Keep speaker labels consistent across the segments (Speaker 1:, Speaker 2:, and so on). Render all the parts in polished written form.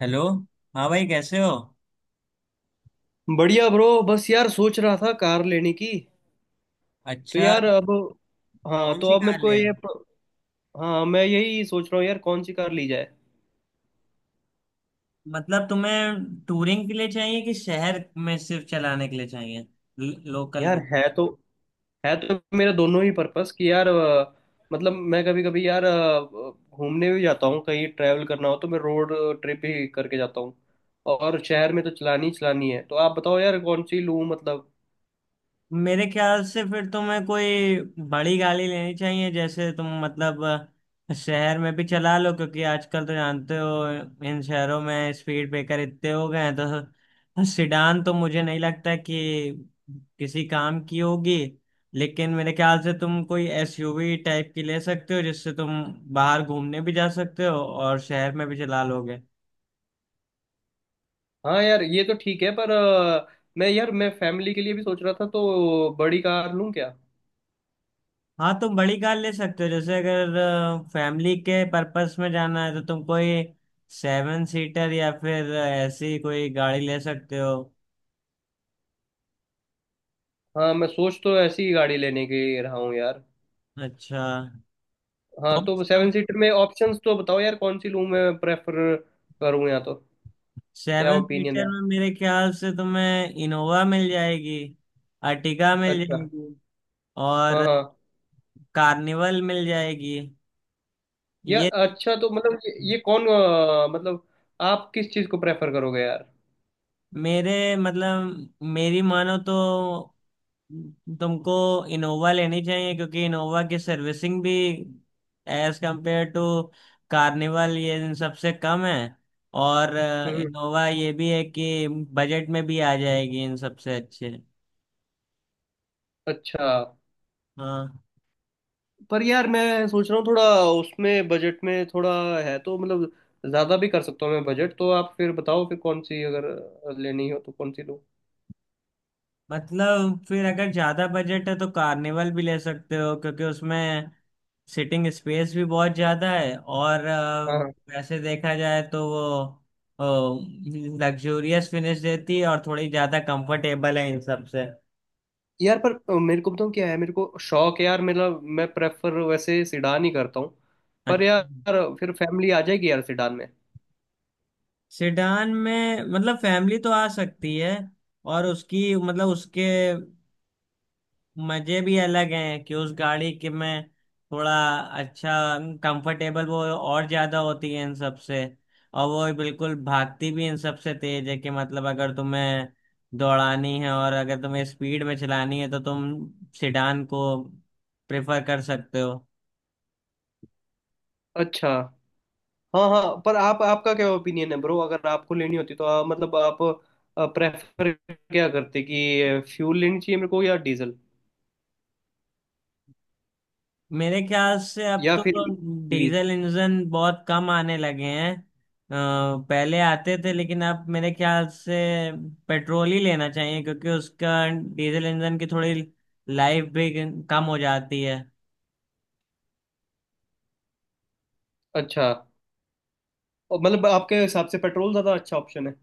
Speaker 1: Hello. हाँ भाई, कैसे हो?
Speaker 2: बढ़िया ब्रो, बस यार सोच रहा था कार लेने की। तो
Speaker 1: अच्छा,
Speaker 2: यार अब, हाँ
Speaker 1: कौन
Speaker 2: तो
Speaker 1: सी
Speaker 2: अब
Speaker 1: कार
Speaker 2: मेरे को
Speaker 1: ले
Speaker 2: ये,
Speaker 1: रहे?
Speaker 2: हाँ मैं यही सोच रहा हूँ यार कौन सी कार ली जाए।
Speaker 1: मतलब तुम्हें टूरिंग के लिए चाहिए कि शहर में सिर्फ चलाने के लिए चाहिए, लोकल?
Speaker 2: यार है तो, है तो मेरा दोनों ही पर्पस कि यार, मतलब मैं कभी कभी यार, घूमने भी जाता हूँ, कहीं ट्रैवल करना हो तो मैं रोड ट्रिप ही करके जाता हूँ। और शहर में तो चलानी ही चलानी है, तो आप बताओ यार कौन सी लूँ मतलब।
Speaker 1: मेरे ख्याल से फिर तुम्हें कोई बड़ी गाड़ी लेनी चाहिए। जैसे तुम मतलब शहर में भी चला लो, क्योंकि आजकल तो जानते हो इन शहरों में स्पीड ब्रेकर इतने हो गए हैं, तो सिडान तो मुझे नहीं लगता कि किसी काम की होगी। लेकिन मेरे ख्याल से तुम कोई एसयूवी टाइप की ले सकते हो, जिससे तुम बाहर घूमने भी जा सकते हो और शहर में भी चला लोगे।
Speaker 2: हाँ यार ये तो ठीक है, पर मैं यार, मैं फैमिली के लिए भी सोच रहा था तो बड़ी कार लूँ क्या।
Speaker 1: हाँ, तुम बड़ी कार ले सकते हो। जैसे अगर फैमिली के पर्पस में जाना है तो तुम कोई सेवन सीटर या फिर ऐसी कोई गाड़ी ले सकते हो।
Speaker 2: हाँ मैं सोच तो ऐसी ही गाड़ी लेने की रहा हूँ यार।
Speaker 1: अच्छा,
Speaker 2: हाँ
Speaker 1: कौन
Speaker 2: तो
Speaker 1: सी तुम?
Speaker 2: सेवन सीटर में ऑप्शंस तो बताओ यार कौन सी लूँ, मैं प्रेफर करूँ या तो, क्या
Speaker 1: सेवन
Speaker 2: ओपिनियन है।
Speaker 1: सीटर में मेरे ख्याल से तुम्हें इनोवा मिल जाएगी, अर्टिगा मिल
Speaker 2: अच्छा।
Speaker 1: जाएगी
Speaker 2: हाँ
Speaker 1: और
Speaker 2: हाँ।
Speaker 1: कार्निवल मिल जाएगी।
Speaker 2: या
Speaker 1: ये तीन।
Speaker 2: अच्छा, तो मतलब ये कौन मतलब आप किस चीज़ को प्रेफर करोगे यार।
Speaker 1: मेरे मतलब मेरी मानो तो तुमको इनोवा लेनी चाहिए, क्योंकि इनोवा की सर्विसिंग भी एज कंपेयर टू कार्निवल ये इन सबसे कम है। और
Speaker 2: हम्म।
Speaker 1: इनोवा ये भी है कि बजट में भी आ जाएगी इन सबसे अच्छे।
Speaker 2: अच्छा,
Speaker 1: हाँ।
Speaker 2: पर यार मैं सोच रहा हूँ थोड़ा उसमें बजट में, थोड़ा है तो मतलब, ज़्यादा भी कर सकता हूँ मैं बजट तो, आप फिर बताओ फिर कौन सी, अगर लेनी हो तो कौन सी लूँ।
Speaker 1: मतलब फिर अगर ज्यादा बजट है तो कार्निवल भी ले सकते हो, क्योंकि उसमें सिटिंग स्पेस भी बहुत ज्यादा है और
Speaker 2: हाँ हाँ।
Speaker 1: वैसे देखा जाए तो वो लग्जूरियस फिनिश देती है और थोड़ी ज्यादा कंफर्टेबल है इन सब से।
Speaker 2: यार पर मेरे को बताऊँ क्या है, मेरे को शौक है यार मेरा, मैं प्रेफर वैसे सिडान ही करता हूँ। पर
Speaker 1: अच्छा।
Speaker 2: यार फिर फैमिली आ जाएगी यार सिडान में।
Speaker 1: सेडान में मतलब फैमिली तो आ सकती है, और उसकी मतलब उसके मजे भी अलग हैं कि उस गाड़ी के में थोड़ा, अच्छा, कंफर्टेबल वो और ज्यादा होती है इन सबसे। और वो बिल्कुल भागती भी इन सबसे तेज है कि मतलब अगर तुम्हें दौड़ानी है और अगर तुम्हें स्पीड में चलानी है तो तुम सिडान को प्रेफर कर सकते हो।
Speaker 2: अच्छा। हाँ हाँ, पर आप, आपका क्या ओपिनियन है ब्रो, अगर आपको लेनी होती तो आप, मतलब आप प्रेफर क्या करते, कि फ्यूल लेनी चाहिए मेरे को या डीजल
Speaker 1: मेरे ख्याल से अब
Speaker 2: या
Speaker 1: तो
Speaker 2: फिर ईवी।
Speaker 1: डीजल इंजन बहुत कम आने लगे हैं। पहले आते थे लेकिन अब मेरे ख्याल से पेट्रोल ही लेना चाहिए, क्योंकि उसका डीजल इंजन की थोड़ी लाइफ भी कम हो जाती है।
Speaker 2: अच्छा, और मतलब आपके हिसाब से पेट्रोल ज़्यादा अच्छा ऑप्शन है।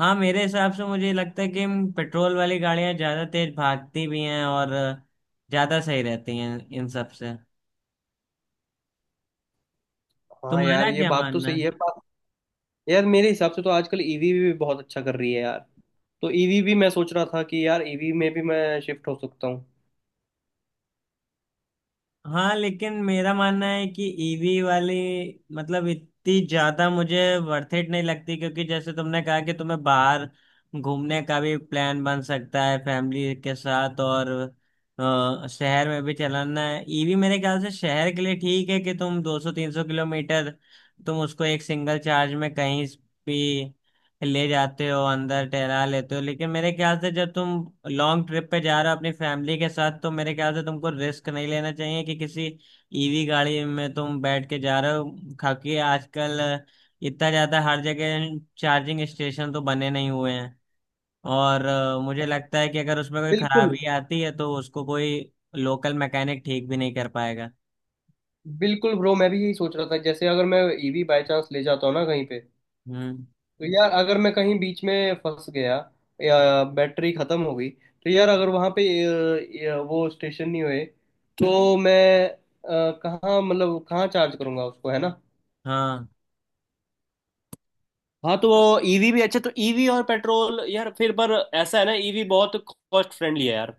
Speaker 1: हाँ, मेरे हिसाब से मुझे लगता है कि पेट्रोल वाली गाड़ियां ज्यादा तेज भागती भी हैं और ज्यादा सही रहती हैं इन सब से।
Speaker 2: हाँ यार
Speaker 1: तुम्हारा
Speaker 2: ये
Speaker 1: क्या
Speaker 2: बात तो
Speaker 1: मानना
Speaker 2: सही
Speaker 1: है?
Speaker 2: है। यार मेरे हिसाब से तो आजकल ईवी भी बहुत अच्छा कर रही है यार, तो ईवी भी मैं सोच रहा था कि यार ईवी में भी मैं शिफ्ट हो सकता हूँ।
Speaker 1: हाँ, लेकिन मेरा मानना है कि ईवी वाली मतलब इतनी ज्यादा मुझे वर्थ इट नहीं लगती, क्योंकि जैसे तुमने कहा कि तुम्हें बाहर घूमने का भी प्लान बन सकता है फैमिली के साथ और शहर में भी चलाना है। ईवी मेरे ख्याल से शहर के लिए ठीक है कि तुम 200-300 किलोमीटर तुम उसको एक सिंगल चार्ज में कहीं भी ले जाते हो, अंदर टहला लेते हो। लेकिन मेरे ख्याल से जब तुम लॉन्ग ट्रिप पे जा रहे हो अपनी फैमिली के साथ तो मेरे ख्याल से तुमको रिस्क नहीं लेना चाहिए कि किसी ईवी गाड़ी में तुम बैठ के जा रहे हो, खाकि आजकल इतना ज्यादा हर जगह चार्जिंग स्टेशन तो बने नहीं हुए हैं। और मुझे लगता है कि अगर उसमें कोई
Speaker 2: बिल्कुल।
Speaker 1: खराबी आती है तो उसको कोई लोकल मैकेनिक ठीक भी नहीं कर पाएगा।
Speaker 2: बिल्कुल ब्रो, मैं भी यही सोच रहा था, जैसे अगर मैं ईवी बाय चांस ले जाता हूँ ना कहीं पे,
Speaker 1: हम्म।
Speaker 2: तो यार अगर मैं कहीं बीच में फंस गया या बैटरी खत्म हो गई, तो यार अगर वहाँ पे वो स्टेशन नहीं हुए, तो मैं, कहाँ, मतलब कहाँ चार्ज करूँगा उसको, है ना।
Speaker 1: हाँ
Speaker 2: हाँ तो वो ईवी भी अच्छा, तो ईवी और पेट्रोल यार, फिर पर ऐसा है ना, ईवी बहुत कॉस्ट फ्रेंडली है यार।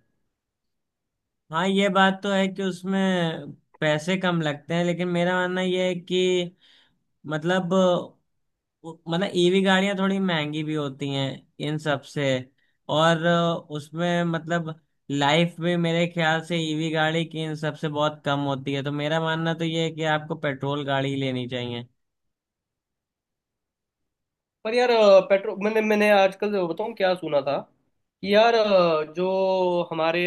Speaker 1: हाँ, ये बात तो है कि उसमें पैसे कम लगते हैं, लेकिन मेरा मानना यह है कि मतलब मतलब ईवी गाड़ियां थोड़ी महंगी भी होती हैं इन सब से। और उसमें मतलब लाइफ भी मेरे ख्याल से ईवी गाड़ी की इन सब से बहुत कम होती है, तो मेरा मानना तो ये है कि आपको पेट्रोल गाड़ी ही लेनी चाहिए।
Speaker 2: पर यार पेट्रोल, मैंने मैंने आजकल बताऊँ क्या सुना था, कि यार जो हमारे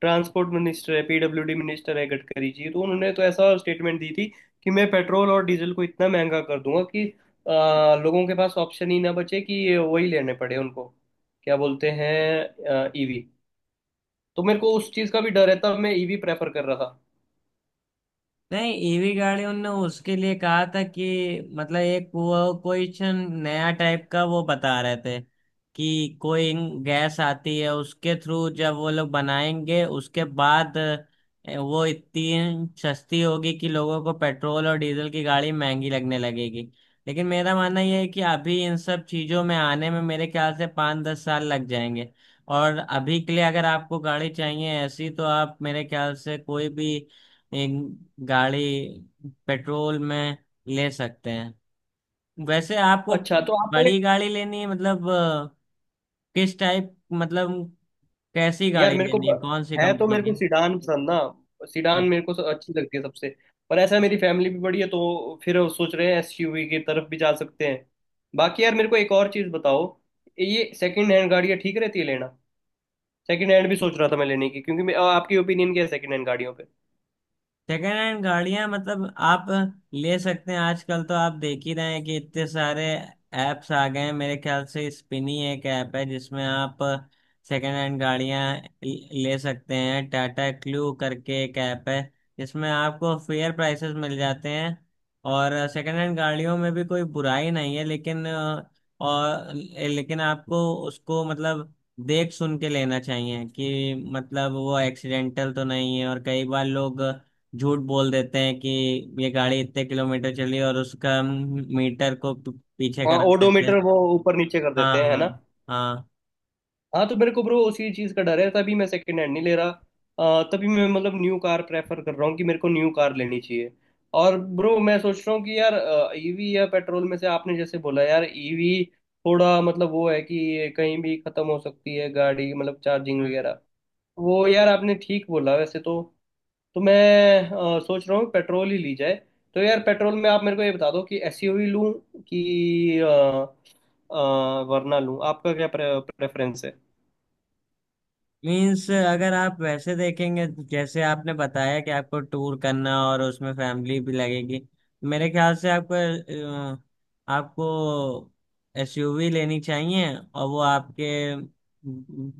Speaker 2: ट्रांसपोर्ट मिनिस्टर है, पीडब्ल्यूडी मिनिस्टर है, गडकरी जी, तो उन्होंने तो ऐसा स्टेटमेंट दी थी कि मैं पेट्रोल और डीजल को इतना महंगा कर दूंगा कि अ, लोगों के पास ऑप्शन ही ना बचे, कि ये वही लेने पड़े उनको, क्या बोलते हैं, ईवी। तो मेरे को उस चीज़ का भी डर है, तब मैं ईवी प्रेफर कर रहा था।
Speaker 1: नहीं, ईवी गाड़ियों ने उसके लिए कहा था कि मतलब एक वो क्वेश्चन नया टाइप का वो बता रहे थे कि कोई गैस आती है उसके थ्रू, जब वो लोग बनाएंगे उसके बाद वो इतनी सस्ती होगी कि लोगों को पेट्रोल और डीजल की गाड़ी महंगी लगने लगेगी। लेकिन मेरा मानना यह है कि अभी इन सब चीज़ों में आने में मेरे ख्याल से 5 10 साल लग जाएंगे। और अभी के लिए अगर आपको गाड़ी चाहिए ऐसी तो आप मेरे ख्याल से कोई भी एक गाड़ी पेट्रोल में ले सकते हैं। वैसे आपको
Speaker 2: अच्छा तो आपका,
Speaker 1: बड़ी गाड़ी लेनी है मतलब किस टाइप, मतलब कैसी
Speaker 2: यार
Speaker 1: गाड़ी
Speaker 2: मेरे को,
Speaker 1: लेनी है, कौन सी
Speaker 2: है तो
Speaker 1: कंपनी
Speaker 2: मेरे को सिडान पसंद ना, सिडान
Speaker 1: की?
Speaker 2: मेरे को अच्छी लगती है सबसे। पर ऐसा है, मेरी फैमिली भी बड़ी है तो फिर वो सोच रहे हैं एसयूवी की तरफ भी जा सकते हैं। बाकी यार मेरे को एक और चीज़ बताओ, ये सेकंड हैंड गाड़ियाँ ठीक रहती है लेना। सेकंड हैंड भी सोच रहा था मैं लेने की, क्योंकि आपकी ओपिनियन क्या है सेकंड हैंड गाड़ियों पे।
Speaker 1: सेकेंड हैंड गाड़ियां मतलब आप ले सकते हैं। आजकल तो आप देख ही रहे हैं कि इतने सारे ऐप्स आ गए हैं। मेरे ख्याल से स्पिनी एक ऐप है जिसमें आप सेकेंड हैंड गाड़ियां ले सकते हैं। टाटा क्लू करके एक ऐप है जिसमें आपको फेयर प्राइसेस मिल जाते हैं। और सेकेंड हैंड गाड़ियों में भी कोई बुराई नहीं है, लेकिन और लेकिन आपको उसको मतलब देख सुन के लेना चाहिए कि मतलब वो एक्सीडेंटल तो नहीं है। और कई बार लोग झूठ बोल देते हैं कि ये गाड़ी इतने किलोमीटर चली, और उसका मीटर को पीछे
Speaker 2: हाँ
Speaker 1: करा देते
Speaker 2: ओडोमीटर,
Speaker 1: हैं।
Speaker 2: वो ऊपर नीचे कर
Speaker 1: हाँ
Speaker 2: देते हैं, है
Speaker 1: हाँ।
Speaker 2: ना।
Speaker 1: हाँ।
Speaker 2: हाँ तो मेरे को ब्रो उसी चीज़ का डर है, तभी मैं सेकंड हैंड नहीं ले रहा। तभी मैं मतलब न्यू कार प्रेफर कर रहा हूँ, कि मेरे को न्यू कार लेनी चाहिए। और ब्रो मैं सोच रहा हूँ कि यार, ईवी या पेट्रोल में से आपने जैसे बोला यार, ईवी थोड़ा मतलब वो है कि ये कहीं भी खत्म हो सकती है गाड़ी, मतलब चार्जिंग वगैरह, वो यार आपने ठीक बोला वैसे तो। तो मैं सोच रहा हूँ पेट्रोल ही ली जाए। तो यार पेट्रोल में आप मेरे को ये बता दो, कि एसयूवी लूँ कि वरना लूँ, आपका क्या प्रेफरेंस है।
Speaker 1: मीन्स अगर आप वैसे देखेंगे, जैसे आपने बताया कि आपको टूर करना और उसमें फैमिली भी लगेगी, मेरे ख्याल से आपको अ, आपको एसयूवी लेनी चाहिए, और वो आपके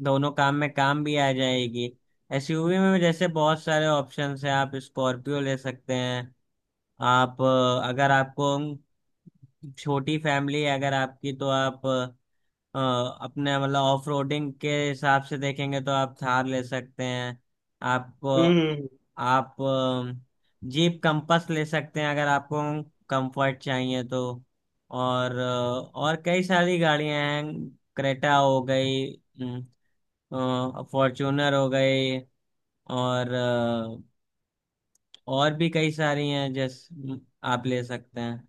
Speaker 1: दोनों काम में काम भी आ जाएगी। एसयूवी में जैसे बहुत सारे ऑप्शंस हैं, आप स्कॉर्पियो ले सकते हैं। आप अगर आपको छोटी फैमिली है अगर आपकी तो आप अ, अपने मतलब ऑफ रोडिंग के हिसाब से देखेंगे तो आप थार ले सकते हैं। आपको
Speaker 2: हम्म।
Speaker 1: आप जीप कंपास ले सकते हैं अगर आपको कंफर्ट चाहिए तो। और और कई सारी गाड़ियां हैं, क्रेटा हो गई, फॉर्चूनर हो गई, और और भी कई सारी हैं जैसे आप ले सकते हैं।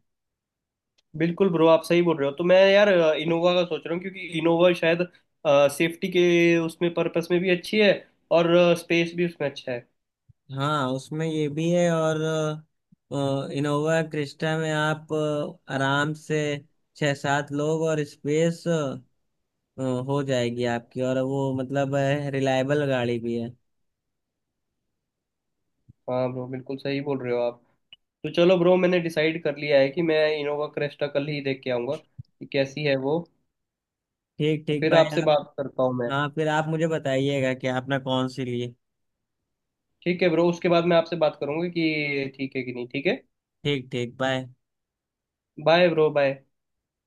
Speaker 2: बिल्कुल ब्रो, आप सही बोल रहे हो, तो मैं यार इनोवा का सोच रहा हूँ, क्योंकि इनोवा शायद सेफ्टी के उसमें पर्पस में भी अच्छी है और स्पेस भी उसमें अच्छा है।
Speaker 1: हाँ, उसमें ये भी है। और इनोवा क्रिस्टा में आप आराम से 6 7 लोग और स्पेस हो जाएगी आपकी, और वो मतलब रिलायबल गाड़ी भी है।
Speaker 2: हाँ ब्रो बिल्कुल सही बोल रहे हो आप। तो चलो ब्रो, मैंने डिसाइड कर लिया है कि मैं इनोवा क्रेस्टा कल ही देख के आऊँगा कि कैसी है वो।
Speaker 1: ठीक
Speaker 2: तो
Speaker 1: ठीक,
Speaker 2: फिर
Speaker 1: बाय
Speaker 2: आपसे
Speaker 1: आप।
Speaker 2: बात करता हूँ मैं।
Speaker 1: हाँ, फिर आप मुझे बताइएगा कि आपने कौन सी ली।
Speaker 2: ठीक है ब्रो, उसके बाद मैं आपसे बात करूँगी कि ठीक है कि नहीं, ठीक है,
Speaker 1: ठीक ठीक, बाय।
Speaker 2: Bye bro, bye.